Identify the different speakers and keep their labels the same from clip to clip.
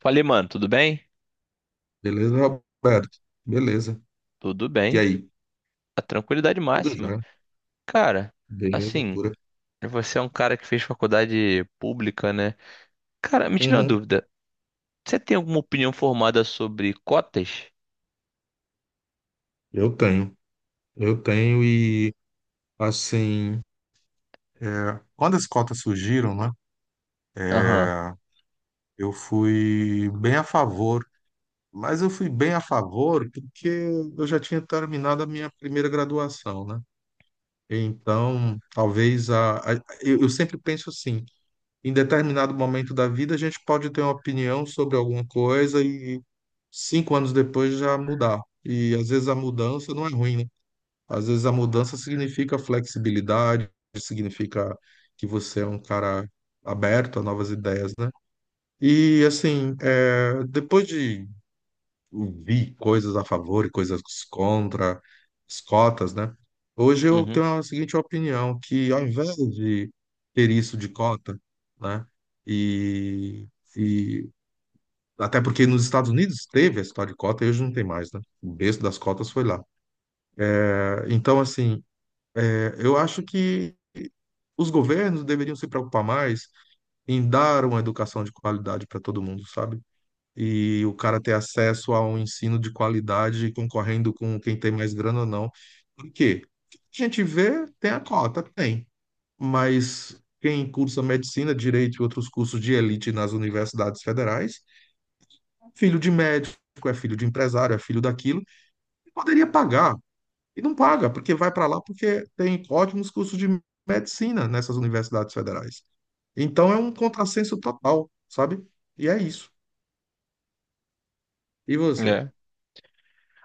Speaker 1: Falei, mano, tudo bem?
Speaker 2: Beleza, Roberto? Beleza.
Speaker 1: Tudo
Speaker 2: E
Speaker 1: bem.
Speaker 2: aí?
Speaker 1: A tranquilidade
Speaker 2: Tudo
Speaker 1: máxima.
Speaker 2: jóia?
Speaker 1: Cara,
Speaker 2: Beleza
Speaker 1: assim,
Speaker 2: pura.
Speaker 1: você é um cara que fez faculdade pública, né? Cara, me tira uma
Speaker 2: Uhum.
Speaker 1: dúvida. Você tem alguma opinião formada sobre cotas?
Speaker 2: Eu tenho. Eu tenho e, assim, é, quando as cotas surgiram, né,
Speaker 1: Aham.
Speaker 2: cara, eu fui bem a favor. Mas eu fui bem a favor porque eu já tinha terminado a minha primeira graduação, né? Então, talvez eu sempre penso assim, em determinado momento da vida, a gente pode ter uma opinião sobre alguma coisa e 5 anos depois já mudar. E às vezes a mudança não é ruim, né? Às vezes a mudança significa flexibilidade, significa que você é um cara aberto a novas ideias, né? E assim, é, depois de vi coisas a favor e coisas contra, as cotas, né? Hoje eu
Speaker 1: Uhum.
Speaker 2: tenho a seguinte opinião, que ao invés de ter isso de cota, né? E, e até porque nos Estados Unidos teve a história de cota e hoje não tem mais, né? O berço das cotas foi lá. Então, assim, eu acho que os governos deveriam se preocupar mais em dar uma educação de qualidade para todo mundo, sabe? E o cara ter acesso a um ensino de qualidade concorrendo com quem tem mais grana ou não. Por quê? O que a gente vê, tem a cota, tem, mas quem cursa medicina, direito e outros cursos de elite nas universidades federais, filho de médico, é filho de empresário, é filho daquilo, e poderia pagar e não paga, porque vai para lá porque tem ótimos cursos de medicina nessas universidades federais. Então é um contrassenso total, sabe? E é isso. E você?
Speaker 1: É.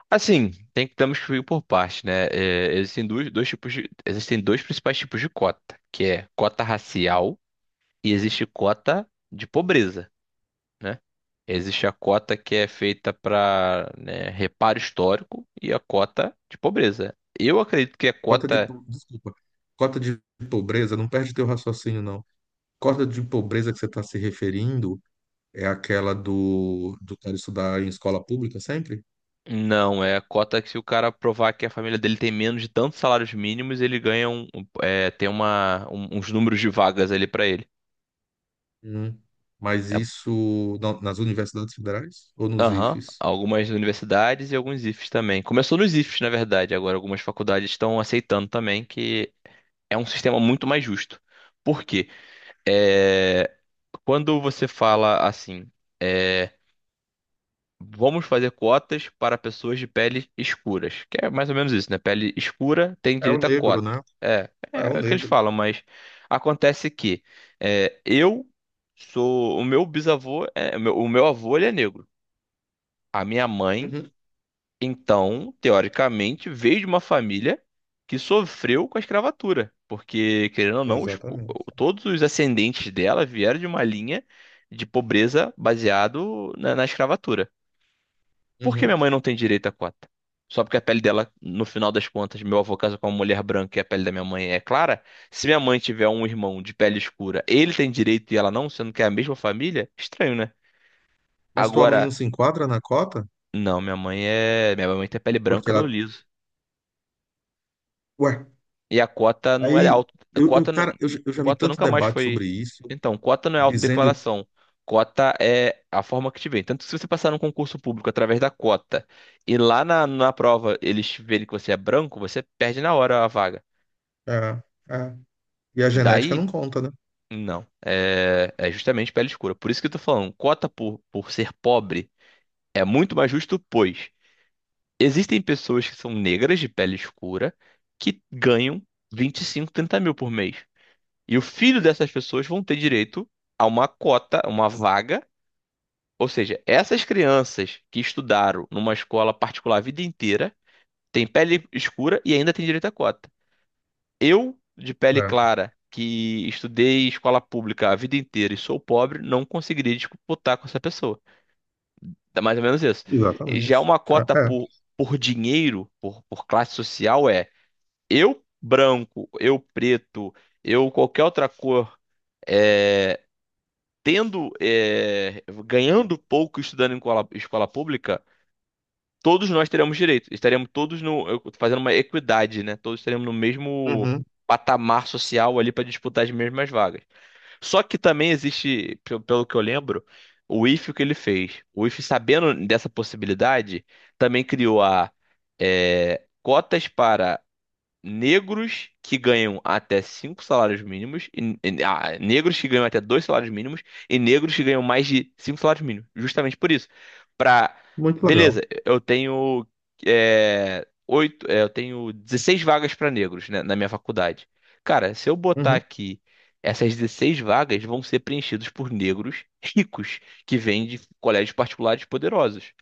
Speaker 1: Assim, temos que ir por parte, né? É, existem dois principais tipos de cota, que é cota racial e existe cota de pobreza, né? Existe a cota que é feita para reparo histórico e a cota de pobreza. Eu acredito que a cota
Speaker 2: Desculpa. Cota de pobreza, não perde teu raciocínio, não. Cota de pobreza que você está se referindo é aquela do cara estudar em escola pública sempre?
Speaker 1: não é a cota que, se o cara provar que a família dele tem menos de tantos salários mínimos, ele ganha tem uns números de vagas ali para ele.
Speaker 2: Hum. Mas
Speaker 1: É-
Speaker 2: isso nas universidades federais ou nos
Speaker 1: Aham.
Speaker 2: IFES?
Speaker 1: Algumas universidades e alguns IFES também. Começou nos IFES, na verdade. Agora, algumas faculdades estão aceitando também, que é um sistema muito mais justo. Por quê? É, Quando você fala assim, é, vamos fazer cotas para pessoas de pele escuras, que é mais ou menos isso, né? Pele escura tem
Speaker 2: É o
Speaker 1: direito a
Speaker 2: negro,
Speaker 1: cota.
Speaker 2: né?
Speaker 1: É,
Speaker 2: É o
Speaker 1: é o que eles
Speaker 2: negro.
Speaker 1: falam, mas acontece que é, eu o meu avô, ele é negro. A minha mãe,
Speaker 2: Uhum.
Speaker 1: então, teoricamente, veio de uma família que sofreu com a escravatura, porque, querendo ou não,
Speaker 2: Exatamente.
Speaker 1: todos os ascendentes dela vieram de uma linha de pobreza baseado na escravatura. Por que minha
Speaker 2: Uhum.
Speaker 1: mãe não tem direito à cota? Só porque a pele dela, no final das contas, meu avô casa com uma mulher branca e a pele da minha mãe é clara. Se minha mãe tiver um irmão de pele escura, ele tem direito e ela não, sendo que é a mesma família? Estranho, né?
Speaker 2: Mas tua mãe
Speaker 1: Agora,
Speaker 2: não se enquadra na cota?
Speaker 1: não, minha mãe é. Minha mãe tem pele branca,
Speaker 2: Porque
Speaker 1: cabelo
Speaker 2: ela.
Speaker 1: liso.
Speaker 2: Ué,
Speaker 1: E a cota não era
Speaker 2: aí.
Speaker 1: auto.
Speaker 2: Cara, eu já vi
Speaker 1: Cota
Speaker 2: tanto
Speaker 1: nunca mais
Speaker 2: debate sobre
Speaker 1: foi.
Speaker 2: isso,
Speaker 1: Então, cota não é
Speaker 2: dizendo.
Speaker 1: autodeclaração. Cota é a forma que te vem. Tanto que, se você passar num concurso público através da cota e lá na prova eles verem que você é branco, você perde na hora a vaga.
Speaker 2: É, é, e a genética
Speaker 1: Daí,
Speaker 2: não conta,
Speaker 1: não. É, é justamente pele escura. Por isso que eu tô falando, cota por ser pobre é muito mais justo, pois existem pessoas que são negras de pele escura que ganham 25, 30 mil por mês. E o filho dessas pessoas vão ter direito a uma cota, uma vaga. Ou seja, essas crianças que estudaram numa escola particular a vida inteira têm pele escura e ainda têm direito à cota. Eu, de pele
Speaker 2: né?
Speaker 1: clara, que estudei em escola pública a vida inteira e sou pobre, não conseguiria disputar com essa pessoa. É mais ou menos isso.
Speaker 2: Exatamente.
Speaker 1: Já uma
Speaker 2: É,
Speaker 1: cota
Speaker 2: é.
Speaker 1: por dinheiro, por classe social, eu branco, eu preto, eu qualquer outra cor. é, Ganhando pouco, estudando em escola pública, todos nós teremos direito. Estaremos todos no, eu- fazendo uma equidade, né? Todos estaremos no mesmo
Speaker 2: Uhum,
Speaker 1: patamar social ali para disputar as mesmas vagas. Só que também existe, pelo que eu lembro, o IFE que ele fez. O IFE, sabendo dessa possibilidade, também criou a, cotas para negros que ganham até 5 salários mínimos, e negros que ganham até 2 salários mínimos e negros que ganham mais de 5 salários mínimos. Justamente por isso. Pra,
Speaker 2: muito legal.
Speaker 1: Beleza, eu tenho, oito, eu tenho 16 vagas para negros, né, na minha faculdade. Cara, se eu botar
Speaker 2: Uhum.
Speaker 1: aqui. Essas 16 vagas vão ser preenchidas por negros ricos que vêm de colégios particulares poderosos.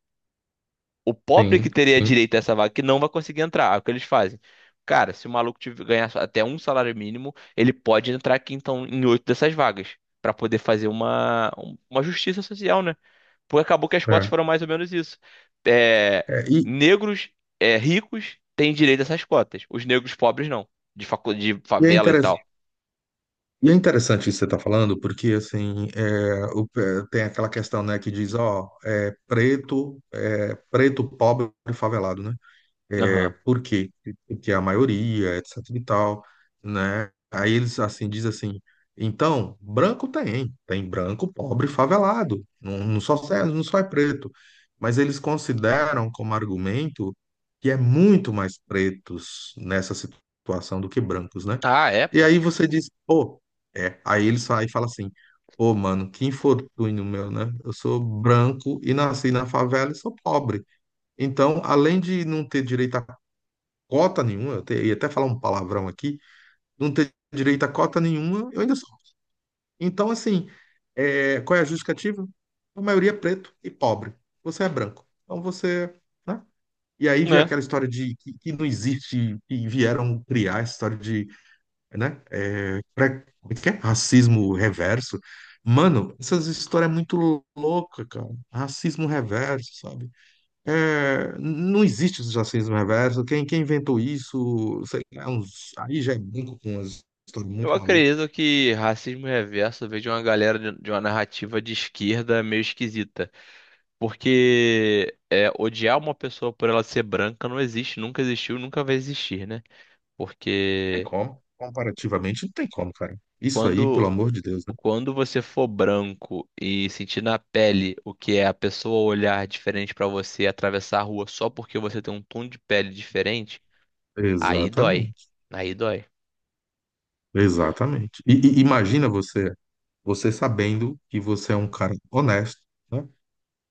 Speaker 1: O pobre que
Speaker 2: Sim,
Speaker 1: teria
Speaker 2: sim.
Speaker 1: direito a essa vaga que não vai conseguir entrar. É o que eles fazem. Cara, se o maluco ganhar até 1 salário mínimo, ele pode entrar aqui então em oito dessas vagas pra poder fazer uma justiça social, né? Porque acabou que as cotas
Speaker 2: É.
Speaker 1: foram mais ou menos isso. É,
Speaker 2: É, e,
Speaker 1: negros, ricos têm direito a essas cotas. Os negros pobres não, de
Speaker 2: e é
Speaker 1: favela e
Speaker 2: interessante.
Speaker 1: tal.
Speaker 2: E é interessante isso que você está falando, porque assim é, é, tem aquela questão, né, que diz, ó, é preto, pobre, e favelado, né? É,
Speaker 1: Aham.
Speaker 2: por quê? Porque a maioria, etc e tal, né? Aí eles, assim, dizem assim, então, branco tem, branco, pobre, favelado, não só, não só é preto, mas eles consideram como argumento que é muito mais pretos nessa situação do que brancos, né?
Speaker 1: Ah, é,
Speaker 2: E
Speaker 1: pô.
Speaker 2: aí você diz, pô, é, aí eles saem e falam assim, pô, mano, que infortúnio meu, né? Eu sou branco e nasci na favela e sou pobre. Então, além de não ter direito a cota nenhuma, eu te- ia até falar um palavrão aqui, não ter direito a cota nenhuma, eu ainda sou. Então, assim, é, qual é a justificativa? A maioria é preto e pobre. Você é branco. Então você, né? E aí vem
Speaker 1: É.
Speaker 2: aquela história de que não existe, que vieram criar essa história de, né? É, como é que é? Racismo reverso. Mano, essas histórias é muito louca, cara. Racismo reverso, sabe? É, não existe o jacismo reverso. Quem inventou isso, sei lá, aí já é brinco com umas histórias
Speaker 1: Eu
Speaker 2: muito malucas.
Speaker 1: acredito que racismo reverso veio de uma galera de uma narrativa de esquerda meio esquisita. Porque é, odiar uma pessoa por ela ser branca não existe, nunca existiu, nunca vai existir, né?
Speaker 2: Não tem
Speaker 1: Porque
Speaker 2: como. Comparativamente, não tem como, cara. Isso aí, pelo
Speaker 1: quando,
Speaker 2: amor de Deus, né?
Speaker 1: quando você for branco e sentir na pele o que é a pessoa olhar diferente pra você e atravessar a rua só porque você tem um tom de pele diferente, aí dói.
Speaker 2: Exatamente.
Speaker 1: Aí dói.
Speaker 2: Exatamente. E imagina você, você sabendo que você é um cara honesto, né?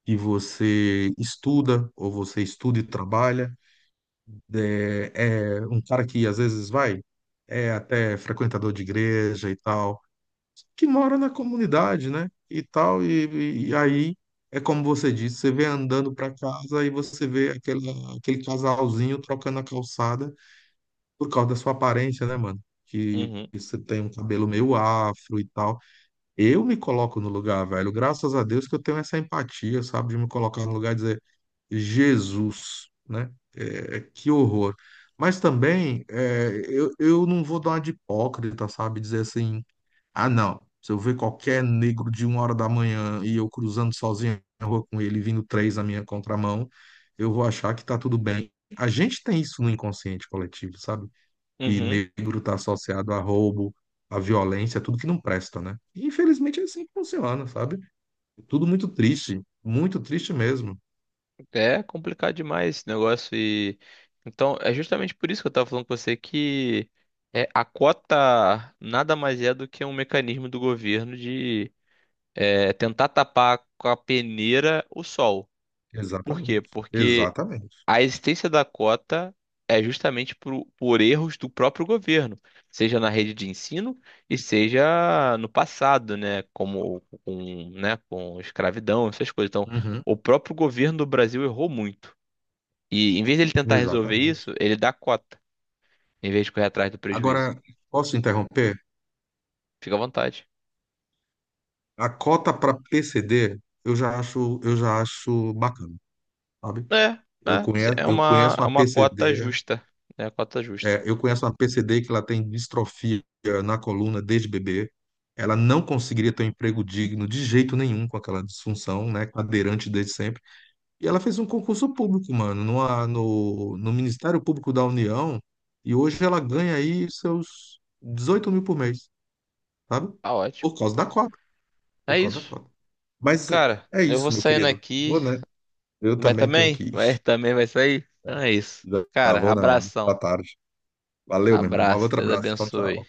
Speaker 2: Que você estuda, ou você estuda e trabalha, é é um cara que às vezes vai é até frequentador de igreja e tal. Que mora na comunidade, né? E tal, e aí é como você disse, você vem andando para casa e você vê aquele casalzinho trocando a calçada por causa da sua aparência, né, mano? Que
Speaker 1: Uhum,
Speaker 2: você tem um cabelo meio afro e tal. Eu me coloco no lugar, velho. Graças a Deus que eu tenho essa empatia, sabe? De me colocar no lugar e dizer, Jesus, né? É, é, que horror. Mas também é, eu não vou dar uma de hipócrita, sabe? Dizer assim, ah, não. Se eu ver qualquer negro de uma hora da manhã e eu cruzando sozinho na rua com ele, vindo três na minha contramão, eu vou achar que tá tudo bem. A gente tem isso no inconsciente coletivo, sabe? Que
Speaker 1: uhum.
Speaker 2: negro tá associado a roubo, a violência, tudo que não presta, né? E, infelizmente é assim que funciona, sabe? Tudo muito triste mesmo.
Speaker 1: É complicado demais esse negócio e então é justamente por isso que eu tava falando com você que, a cota nada mais é do que um mecanismo do governo de, tentar tapar com a peneira o sol. Por quê?
Speaker 2: Exatamente.
Speaker 1: Porque
Speaker 2: Exatamente.
Speaker 1: a existência da cota é justamente por erros do próprio governo, seja na rede de ensino e seja no passado, né? Como com, né, com escravidão, essas coisas. Então,
Speaker 2: Uhum.
Speaker 1: o próprio governo do Brasil errou muito. E em vez dele tentar resolver
Speaker 2: Exatamente.
Speaker 1: isso, ele dá cota, em vez de correr atrás do prejuízo.
Speaker 2: Agora, posso interromper?
Speaker 1: Fica à vontade.
Speaker 2: A cota para PCD, eu já acho bacana. Sabe?
Speaker 1: É, é,
Speaker 2: Eu conheço,
Speaker 1: é
Speaker 2: eu
Speaker 1: uma,
Speaker 2: conheço
Speaker 1: é
Speaker 2: uma
Speaker 1: uma cota
Speaker 2: PCD,
Speaker 1: justa. É uma cota justa.
Speaker 2: é, eu conheço uma PCD que ela tem distrofia na coluna desde bebê. Ela não conseguiria ter um emprego digno de jeito nenhum com aquela disfunção, né? Cadeirante desde sempre. E ela fez um concurso público, mano, no Ministério Público da União. E hoje ela ganha aí seus 18 mil por mês, sabe?
Speaker 1: Tá ótimo.
Speaker 2: Por causa da cota, por
Speaker 1: É
Speaker 2: causa da
Speaker 1: isso.
Speaker 2: cota. Mas é
Speaker 1: Cara,
Speaker 2: é
Speaker 1: eu vou
Speaker 2: isso, meu
Speaker 1: saindo
Speaker 2: querido. Vou,
Speaker 1: aqui.
Speaker 2: né? Eu
Speaker 1: Vai
Speaker 2: também tenho que
Speaker 1: também?
Speaker 2: ir.
Speaker 1: Vai também, vai sair? Então é isso.
Speaker 2: Já já
Speaker 1: Cara,
Speaker 2: vou na hora. Tá
Speaker 1: abração.
Speaker 2: tarde. Valeu, meu irmão. Um
Speaker 1: Abraço.
Speaker 2: outro
Speaker 1: Deus
Speaker 2: abraço. Tchau,
Speaker 1: abençoe.
Speaker 2: tchau.